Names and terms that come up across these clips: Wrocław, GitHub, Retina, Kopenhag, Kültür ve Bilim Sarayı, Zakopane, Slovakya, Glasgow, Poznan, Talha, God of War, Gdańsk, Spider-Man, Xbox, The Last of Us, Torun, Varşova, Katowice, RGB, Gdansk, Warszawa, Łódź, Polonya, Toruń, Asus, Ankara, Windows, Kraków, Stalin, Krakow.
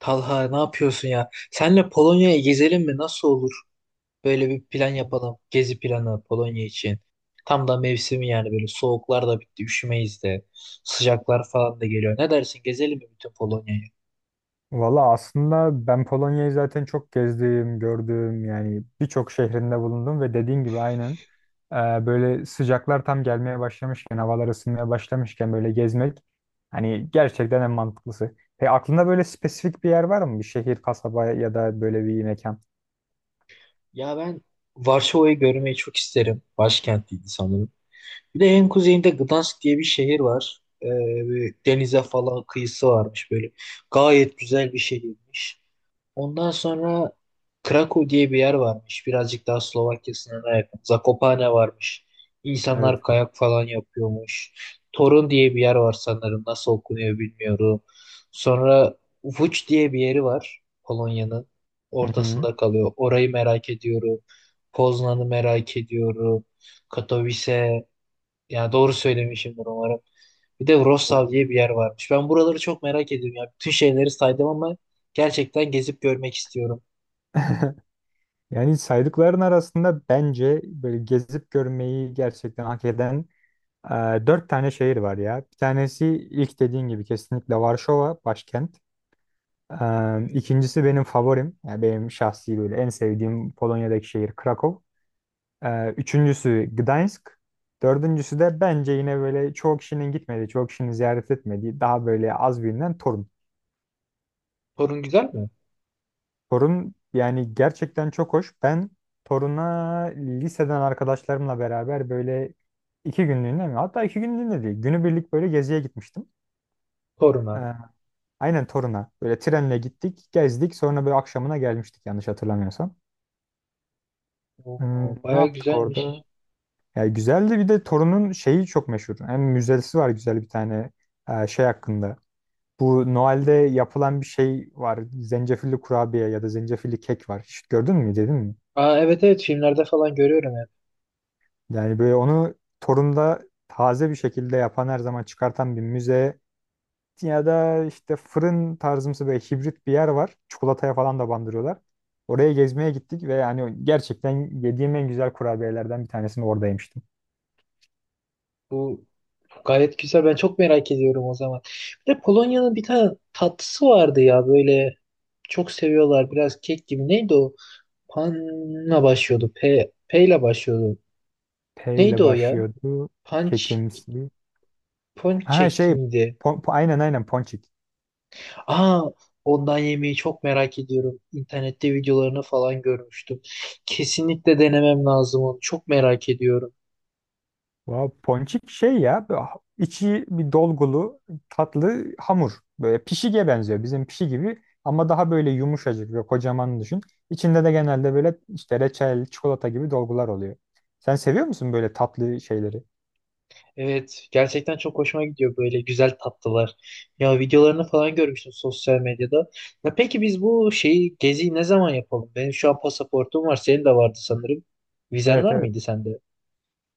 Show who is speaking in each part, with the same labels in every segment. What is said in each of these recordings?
Speaker 1: Talha ne yapıyorsun ya? Senle Polonya'ya gezelim mi? Nasıl olur? Böyle bir plan yapalım. Gezi planı Polonya için. Tam da mevsimi yani böyle soğuklar da bitti, üşümeyiz de. Sıcaklar falan da geliyor. Ne dersin? Gezelim mi bütün Polonya'yı?
Speaker 2: Valla aslında ben Polonya'yı zaten çok gezdim, gördüm yani birçok şehrinde bulundum ve dediğin gibi aynen böyle sıcaklar tam gelmeye başlamışken, havalar ısınmaya başlamışken böyle gezmek hani gerçekten en mantıklısı. Peki aklında böyle spesifik bir yer var mı? Bir şehir, kasaba ya da böyle bir mekan?
Speaker 1: Ya ben Varşova'yı görmeyi çok isterim. Başkentiydi sanırım. Bir de en kuzeyinde Gdansk diye bir şehir var. Bir denize falan kıyısı varmış böyle. Gayet güzel bir şehirmiş. Ondan sonra Krakow diye bir yer varmış. Birazcık daha Slovakya sınırına yakın. Zakopane varmış. İnsanlar
Speaker 2: Evet.
Speaker 1: kayak falan yapıyormuş. Torun diye bir yer var sanırım. Nasıl okunuyor bilmiyorum. Sonra Łódź diye bir yeri var. Polonya'nın
Speaker 2: Hı hı.
Speaker 1: ortasında kalıyor. Orayı merak ediyorum. Poznan'ı merak ediyorum. Katowice. Yani doğru söylemişimdir umarım. Bir de Wrocław
Speaker 2: Olur.
Speaker 1: diye bir yer varmış. Ben buraları çok merak ediyorum ya. Bütün şeyleri saydım ama gerçekten gezip görmek istiyorum.
Speaker 2: Yani saydıkların arasında bence böyle gezip görmeyi gerçekten hak eden e, dört tane şehir var ya. Bir tanesi ilk dediğin gibi kesinlikle Varşova başkent.
Speaker 1: Evet.
Speaker 2: İkincisi benim favorim. Yani benim şahsi böyle en sevdiğim Polonya'daki şehir Krakow. Üçüncüsü Gdańsk. Dördüncüsü de bence yine böyle çoğu kişinin gitmediği, çoğu kişinin ziyaret etmediği daha böyle az bilinen Torun.
Speaker 1: Torun güzel mi?
Speaker 2: Torun yani gerçekten çok hoş. Ben Torun'a liseden arkadaşlarımla beraber böyle iki günlüğüne mi? Hatta iki günlüğüne değil. Günübirlik böyle geziye gitmiştim.
Speaker 1: Torun'a.
Speaker 2: Ee, aynen Torun'a. Böyle trenle gittik, gezdik. Sonra böyle akşamına gelmiştik yanlış hatırlamıyorsam. Hmm,
Speaker 1: Oo,
Speaker 2: ne
Speaker 1: bayağı
Speaker 2: yaptık
Speaker 1: güzelmiş.
Speaker 2: orada? Ya güzeldi bir de Torun'un şeyi çok meşhur. Hem müzesi var güzel bir tane şey hakkında. Bu Noel'de yapılan bir şey var. Zencefilli kurabiye ya da zencefilli kek var. Hiç gördün mü, dedin mi?
Speaker 1: Aa, evet evet filmlerde falan görüyorum hep.
Speaker 2: Yani böyle onu Torun'da taze bir şekilde yapan her zaman çıkartan bir müze ya da işte fırın tarzımsı böyle hibrit bir yer var. Çikolataya falan da bandırıyorlar. Oraya gezmeye gittik ve yani gerçekten yediğim en güzel kurabiyelerden bir tanesini orada yemiştim.
Speaker 1: Bu gayet güzel. Ben çok merak ediyorum o zaman. Bir de Polonya'nın bir tane tatlısı vardı ya böyle çok seviyorlar. Biraz kek gibi. Neydi o? Pan'la başlıyordu. P, P ile başlıyordu.
Speaker 2: P ile
Speaker 1: Neydi o ya?
Speaker 2: başlıyordu.
Speaker 1: Punch.
Speaker 2: Kekimsi. Ha
Speaker 1: Ponçek
Speaker 2: şey
Speaker 1: miydi?
Speaker 2: aynen aynen ponçik.
Speaker 1: Aa, ondan yemeği çok merak ediyorum. İnternette videolarını falan görmüştüm. Kesinlikle denemem lazım onu. Çok merak ediyorum.
Speaker 2: Vav, ponçik şey ya böyle içi bir dolgulu tatlı hamur. Böyle pişiğe benziyor bizim pişi gibi ama daha böyle yumuşacık ve kocaman düşün. İçinde de genelde böyle işte reçel, çikolata gibi dolgular oluyor. Sen seviyor musun böyle tatlı şeyleri?
Speaker 1: Evet, gerçekten çok hoşuma gidiyor böyle güzel tatlılar. Ya videolarını falan görmüştüm sosyal medyada. Ya peki biz bu şeyi geziyi ne zaman yapalım? Benim şu an pasaportum var, senin de vardı sanırım. Vizen
Speaker 2: Evet
Speaker 1: var
Speaker 2: evet
Speaker 1: mıydı sende?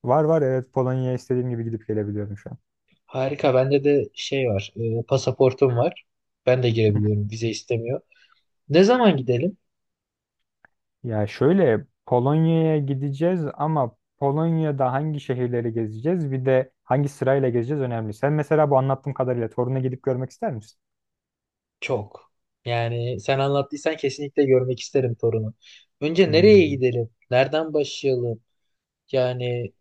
Speaker 2: var var evet Polonya'ya istediğim gibi gidip gelebiliyorum şu an.
Speaker 1: Harika, bende de şey var, pasaportum var. Ben de girebiliyorum, vize istemiyor. Ne zaman gidelim?
Speaker 2: Ya şöyle Polonya'ya gideceğiz ama Polonya'da hangi şehirleri gezeceğiz bir de hangi sırayla gezeceğiz önemli. Sen mesela bu anlattığım kadarıyla Torun'a gidip görmek ister misin?
Speaker 1: Çok. Yani sen anlattıysan kesinlikle görmek isterim torunu. Önce nereye
Speaker 2: Hmm.
Speaker 1: gidelim? Nereden başlayalım? Yani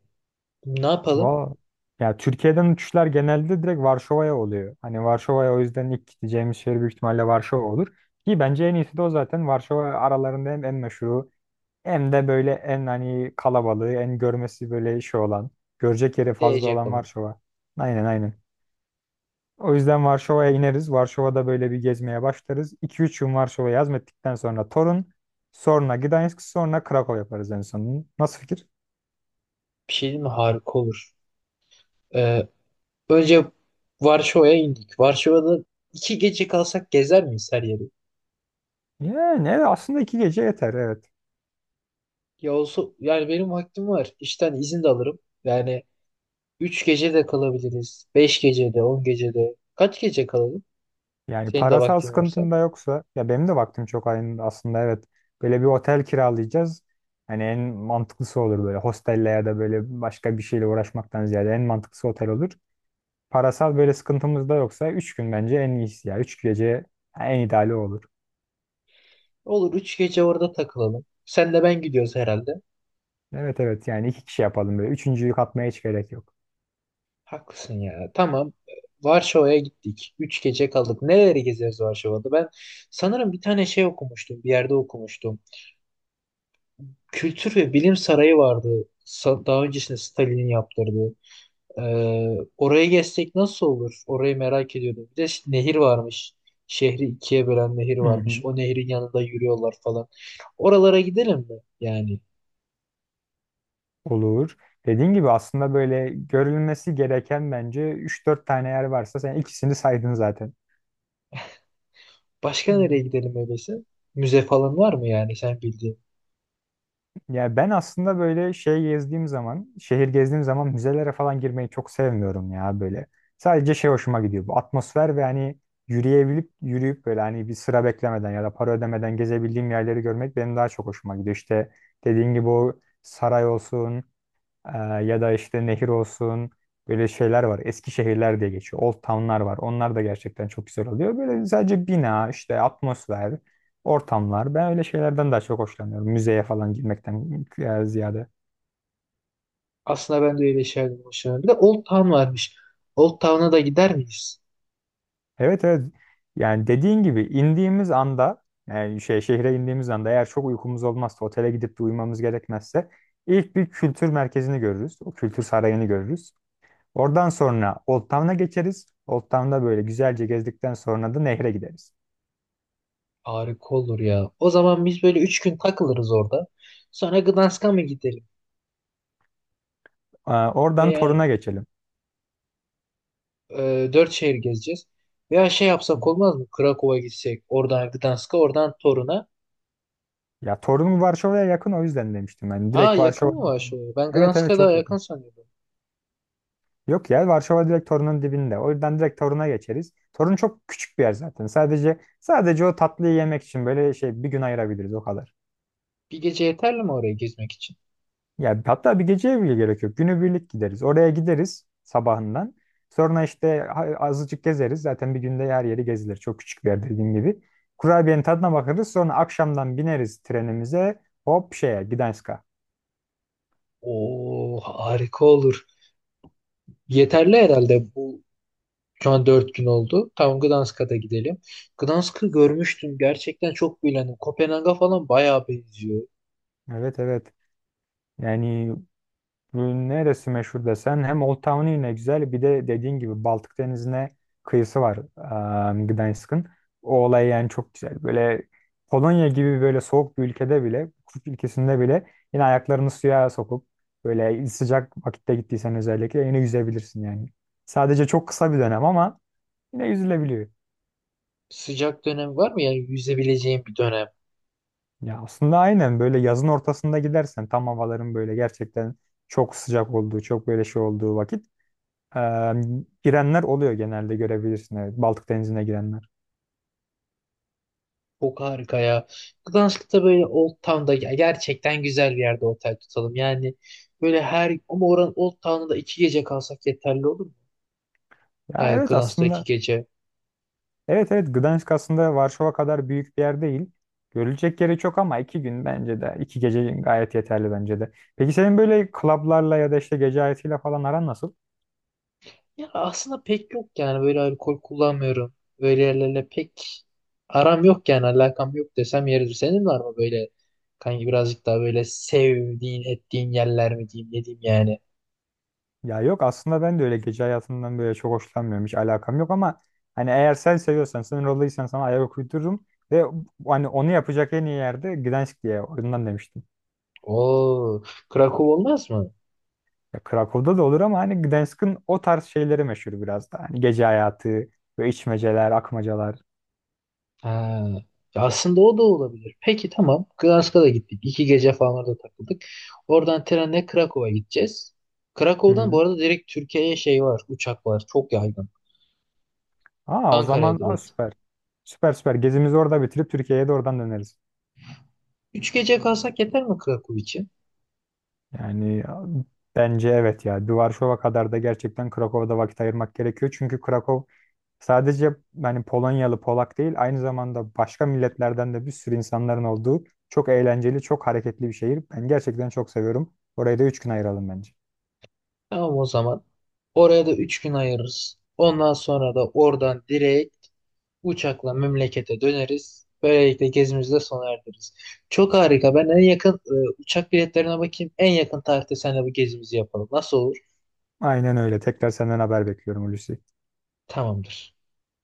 Speaker 1: ne yapalım?
Speaker 2: Valla ya Türkiye'den uçuşlar genelde direkt Varşova'ya oluyor. Hani Varşova'ya o yüzden ilk gideceğimiz şehir büyük ihtimalle Varşova olur. Ki bence en iyisi de o zaten. Varşova aralarında hem en meşhuru hem de böyle en hani kalabalığı, en görmesi böyle şey olan, görecek yeri fazla
Speaker 1: Diyecek
Speaker 2: olan
Speaker 1: olan.
Speaker 2: Varşova. Aynen aynen. O yüzden Varşova'ya ineriz. Varşova'da böyle bir gezmeye başlarız. 2 üç gün Varşova'yı hazmettikten sonra Torun, sonra Gdańsk, sonra Krakow yaparız en son. Nasıl fikir?
Speaker 1: Bir şey değil mi? Harika olur. Ee, önce Varşova'ya indik. Varşova'da 2 gece kalsak gezer miyiz her yeri?
Speaker 2: Yani evet, aslında iki gece yeter evet.
Speaker 1: Ya olsa yani benim vaktim var. İşten izin de alırım. Yani 3 gece de kalabiliriz. 5 gece de, 10 gece de. Kaç gece kalalım?
Speaker 2: Yani
Speaker 1: Senin de
Speaker 2: parasal
Speaker 1: vaktin varsa.
Speaker 2: sıkıntın da yoksa ya benim de vaktim çok aynı aslında evet. Böyle bir otel kiralayacağız. Hani en mantıklısı olur böyle hostelle ya da böyle başka bir şeyle uğraşmaktan ziyade en mantıklısı otel olur. Parasal böyle sıkıntımız da yoksa 3 gün bence en iyisi ya. Üç gece en ideali olur.
Speaker 1: Olur 3 gece orada takılalım. Sen de ben gidiyoruz herhalde.
Speaker 2: Evet evet yani iki kişi yapalım böyle. Üçüncüyü katmaya hiç gerek yok.
Speaker 1: Haklısın ya. Tamam. Varşova'ya gittik. 3 gece kaldık. Neleri gezeriz Varşova'da? Ben sanırım bir tane şey okumuştum. Bir yerde okumuştum. Kültür ve Bilim Sarayı vardı. Daha öncesinde Stalin'in yaptırdığı. Orayı gezsek nasıl olur? Orayı merak ediyordum. Bir de nehir varmış. Şehri ikiye bölen nehir
Speaker 2: Hı
Speaker 1: varmış.
Speaker 2: hı.
Speaker 1: O nehrin yanında yürüyorlar falan. Oralara gidelim mi? Yani.
Speaker 2: Olur. Dediğin gibi aslında böyle görülmesi gereken bence üç dört tane yer varsa sen ikisini saydın zaten.
Speaker 1: Başka nereye
Speaker 2: Hmm.
Speaker 1: gidelim öyleyse? Müze falan var mı yani sen bildiğin?
Speaker 2: Ya ben aslında böyle şey gezdiğim zaman, şehir gezdiğim zaman müzelere falan girmeyi çok sevmiyorum ya böyle. Sadece şey hoşuma gidiyor. Bu atmosfer ve hani yürüyebilip yürüyüp böyle hani bir sıra beklemeden ya da para ödemeden gezebildiğim yerleri görmek benim daha çok hoşuma gidiyor. İşte dediğin gibi o saray olsun, ee, ya da işte nehir olsun böyle şeyler var. Eski şehirler diye geçiyor. Old town'lar var. Onlar da gerçekten çok güzel oluyor. Böyle sadece bina, işte atmosfer, ortamlar. Ben öyle şeylerden daha çok hoşlanıyorum. Müzeye falan girmekten ziyade.
Speaker 1: Aslında ben de öyle şeyler hoşlanırım. Bir de Old Town varmış. Old Town'a da gider miyiz?
Speaker 2: Evet evet. Yani dediğin gibi indiğimiz anda yani şey şehre indiğimiz anda eğer çok uykumuz olmazsa otele gidip de uyumamız gerekmezse ilk bir kültür merkezini görürüz. O kültür sarayını görürüz. Oradan sonra Old Town'a geçeriz. Old Town'da böyle güzelce gezdikten sonra da nehre gideriz.
Speaker 1: Harika olur ya. O zaman biz böyle 3 gün takılırız orada. Sonra Gdansk'a mı gidelim?
Speaker 2: Oradan
Speaker 1: Veya
Speaker 2: Torun'a geçelim.
Speaker 1: dört şehir gezeceğiz. Veya şey
Speaker 2: Hı hı.
Speaker 1: yapsak olmaz mı? Krakow'a gitsek. Oradan Gdansk'a, oradan Torun'a.
Speaker 2: Ya Torun Varşova'ya yakın o yüzden demiştim ben.
Speaker 1: Aa
Speaker 2: Direkt
Speaker 1: yakın mı
Speaker 2: Varşova'dan
Speaker 1: var
Speaker 2: Torun.
Speaker 1: şu? Ben
Speaker 2: Evet evet
Speaker 1: Gdansk'a daha
Speaker 2: çok
Speaker 1: yakın
Speaker 2: yakın.
Speaker 1: sanıyordum.
Speaker 2: Yok ya Varşova direkt Torun'un dibinde. O yüzden direkt Torun'a geçeriz. Torun çok küçük bir yer zaten. Sadece o tatlıyı yemek için böyle şey bir gün ayırabiliriz o kadar.
Speaker 1: 1 gece yeterli mi oraya gezmek için?
Speaker 2: Ya hatta bir geceye bile gerek yok. Günübirlik gideriz. Oraya gideriz sabahından. Sonra işte azıcık gezeriz. Zaten bir günde her yeri gezilir. Çok küçük bir yer dediğim gibi. Kurabiyenin tadına bakarız. Sonra akşamdan bineriz trenimize. Hop şeye Gdańsk'a.
Speaker 1: Oo harika olur. Yeterli herhalde. Şu an 4 gün oldu. Tamam Gdansk'a da gidelim. Gdansk'ı görmüştüm. Gerçekten çok beğendim. Kopenhag'a falan bayağı benziyor.
Speaker 2: Evet evet. Yani bunun neresi meşhur desen hem Old Town yine güzel bir de dediğin gibi Baltık Denizi'ne kıyısı var Gdańsk'ın. O olay yani çok güzel. Böyle Polonya gibi böyle soğuk bir ülkede bile, kuzey ülkesinde bile yine ayaklarını suya sokup böyle sıcak vakitte gittiysen özellikle yine yüzebilirsin yani. Sadece çok kısa bir dönem ama yine yüzülebiliyor.
Speaker 1: Sıcak dönem var mı? Yani yüzebileceğim bir dönem.
Speaker 2: Ya aslında aynen böyle yazın ortasında gidersen tam havaların böyle gerçekten çok sıcak olduğu, çok böyle şey olduğu vakit Ee, girenler oluyor genelde görebilirsin. Evet, Baltık Denizi'ne girenler.
Speaker 1: Çok harika ya. Gdansk'ta böyle Old Town'da ya gerçekten güzel bir yerde otel tutalım. Yani böyle her ama oranın Old Town'da 2 gece kalsak yeterli olur mu?
Speaker 2: Ya
Speaker 1: Yani
Speaker 2: evet
Speaker 1: Gdansk'ta iki
Speaker 2: aslında.
Speaker 1: gece.
Speaker 2: Evet evet Gdansk aslında Varşova kadar büyük bir yer değil. Görülecek yeri çok ama iki gün bence de. İki gece gayet yeterli bence de. Peki senin böyle klablarla ya da işte gece hayatıyla falan aran nasıl?
Speaker 1: Ya aslında pek yok yani böyle alkol kullanmıyorum. Böyle yerlerle pek aram yok yani alakam yok desem yeridir. Senin var mı böyle kanki birazcık daha böyle sevdiğin ettiğin yerler mi diyeyim ne diyeyim yani.
Speaker 2: Ya yok aslında ben de öyle gece hayatından böyle çok hoşlanmıyorum. Hiç alakam yok ama hani eğer sen seviyorsan, sen rolluysan sana ayak uydururum. Ve hani onu yapacak en iyi yerde Gdansk diye oyundan demiştim.
Speaker 1: Oo, Krakow olmaz mı?
Speaker 2: Ya Krakow'da da olur ama hani Gdansk'ın o tarz şeyleri meşhur biraz da. Hani gece hayatı ve içmeceler, akmacalar.
Speaker 1: Ha. Ya aslında o da olabilir. Peki tamam. Glasgow'a da gittik. İki gece falan orada takıldık. Oradan trenle Krakow'a gideceğiz.
Speaker 2: Hı
Speaker 1: Krakow'dan bu
Speaker 2: hı.
Speaker 1: arada direkt Türkiye'ye şey var. Uçak var. Çok yaygın.
Speaker 2: Aa o
Speaker 1: Ankara'ya
Speaker 2: zaman
Speaker 1: direkt.
Speaker 2: süper. Süper süper. Gezimizi orada bitirip Türkiye'ye de oradan döneriz.
Speaker 1: 3 gece kalsak yeter mi Krakow için?
Speaker 2: Yani ya, bence evet ya. Varşova kadar da gerçekten Krakow'da vakit ayırmak gerekiyor. Çünkü Krakow sadece hani Polonyalı Polak değil aynı zamanda başka milletlerden de bir sürü insanların olduğu çok eğlenceli, çok hareketli bir şehir. Ben gerçekten çok seviyorum. Orayı da 3 gün ayıralım bence.
Speaker 1: Tamam o zaman. Oraya da 3 gün ayırırız. Ondan sonra da oradan direkt uçakla memlekete döneriz. Böylelikle gezimizi de sona erdiririz. Çok harika. Ben en yakın uçak biletlerine bakayım. En yakın tarihte seninle bu gezimizi yapalım. Nasıl olur?
Speaker 2: Aynen öyle. Tekrar senden haber bekliyorum Hulusi.
Speaker 1: Tamamdır.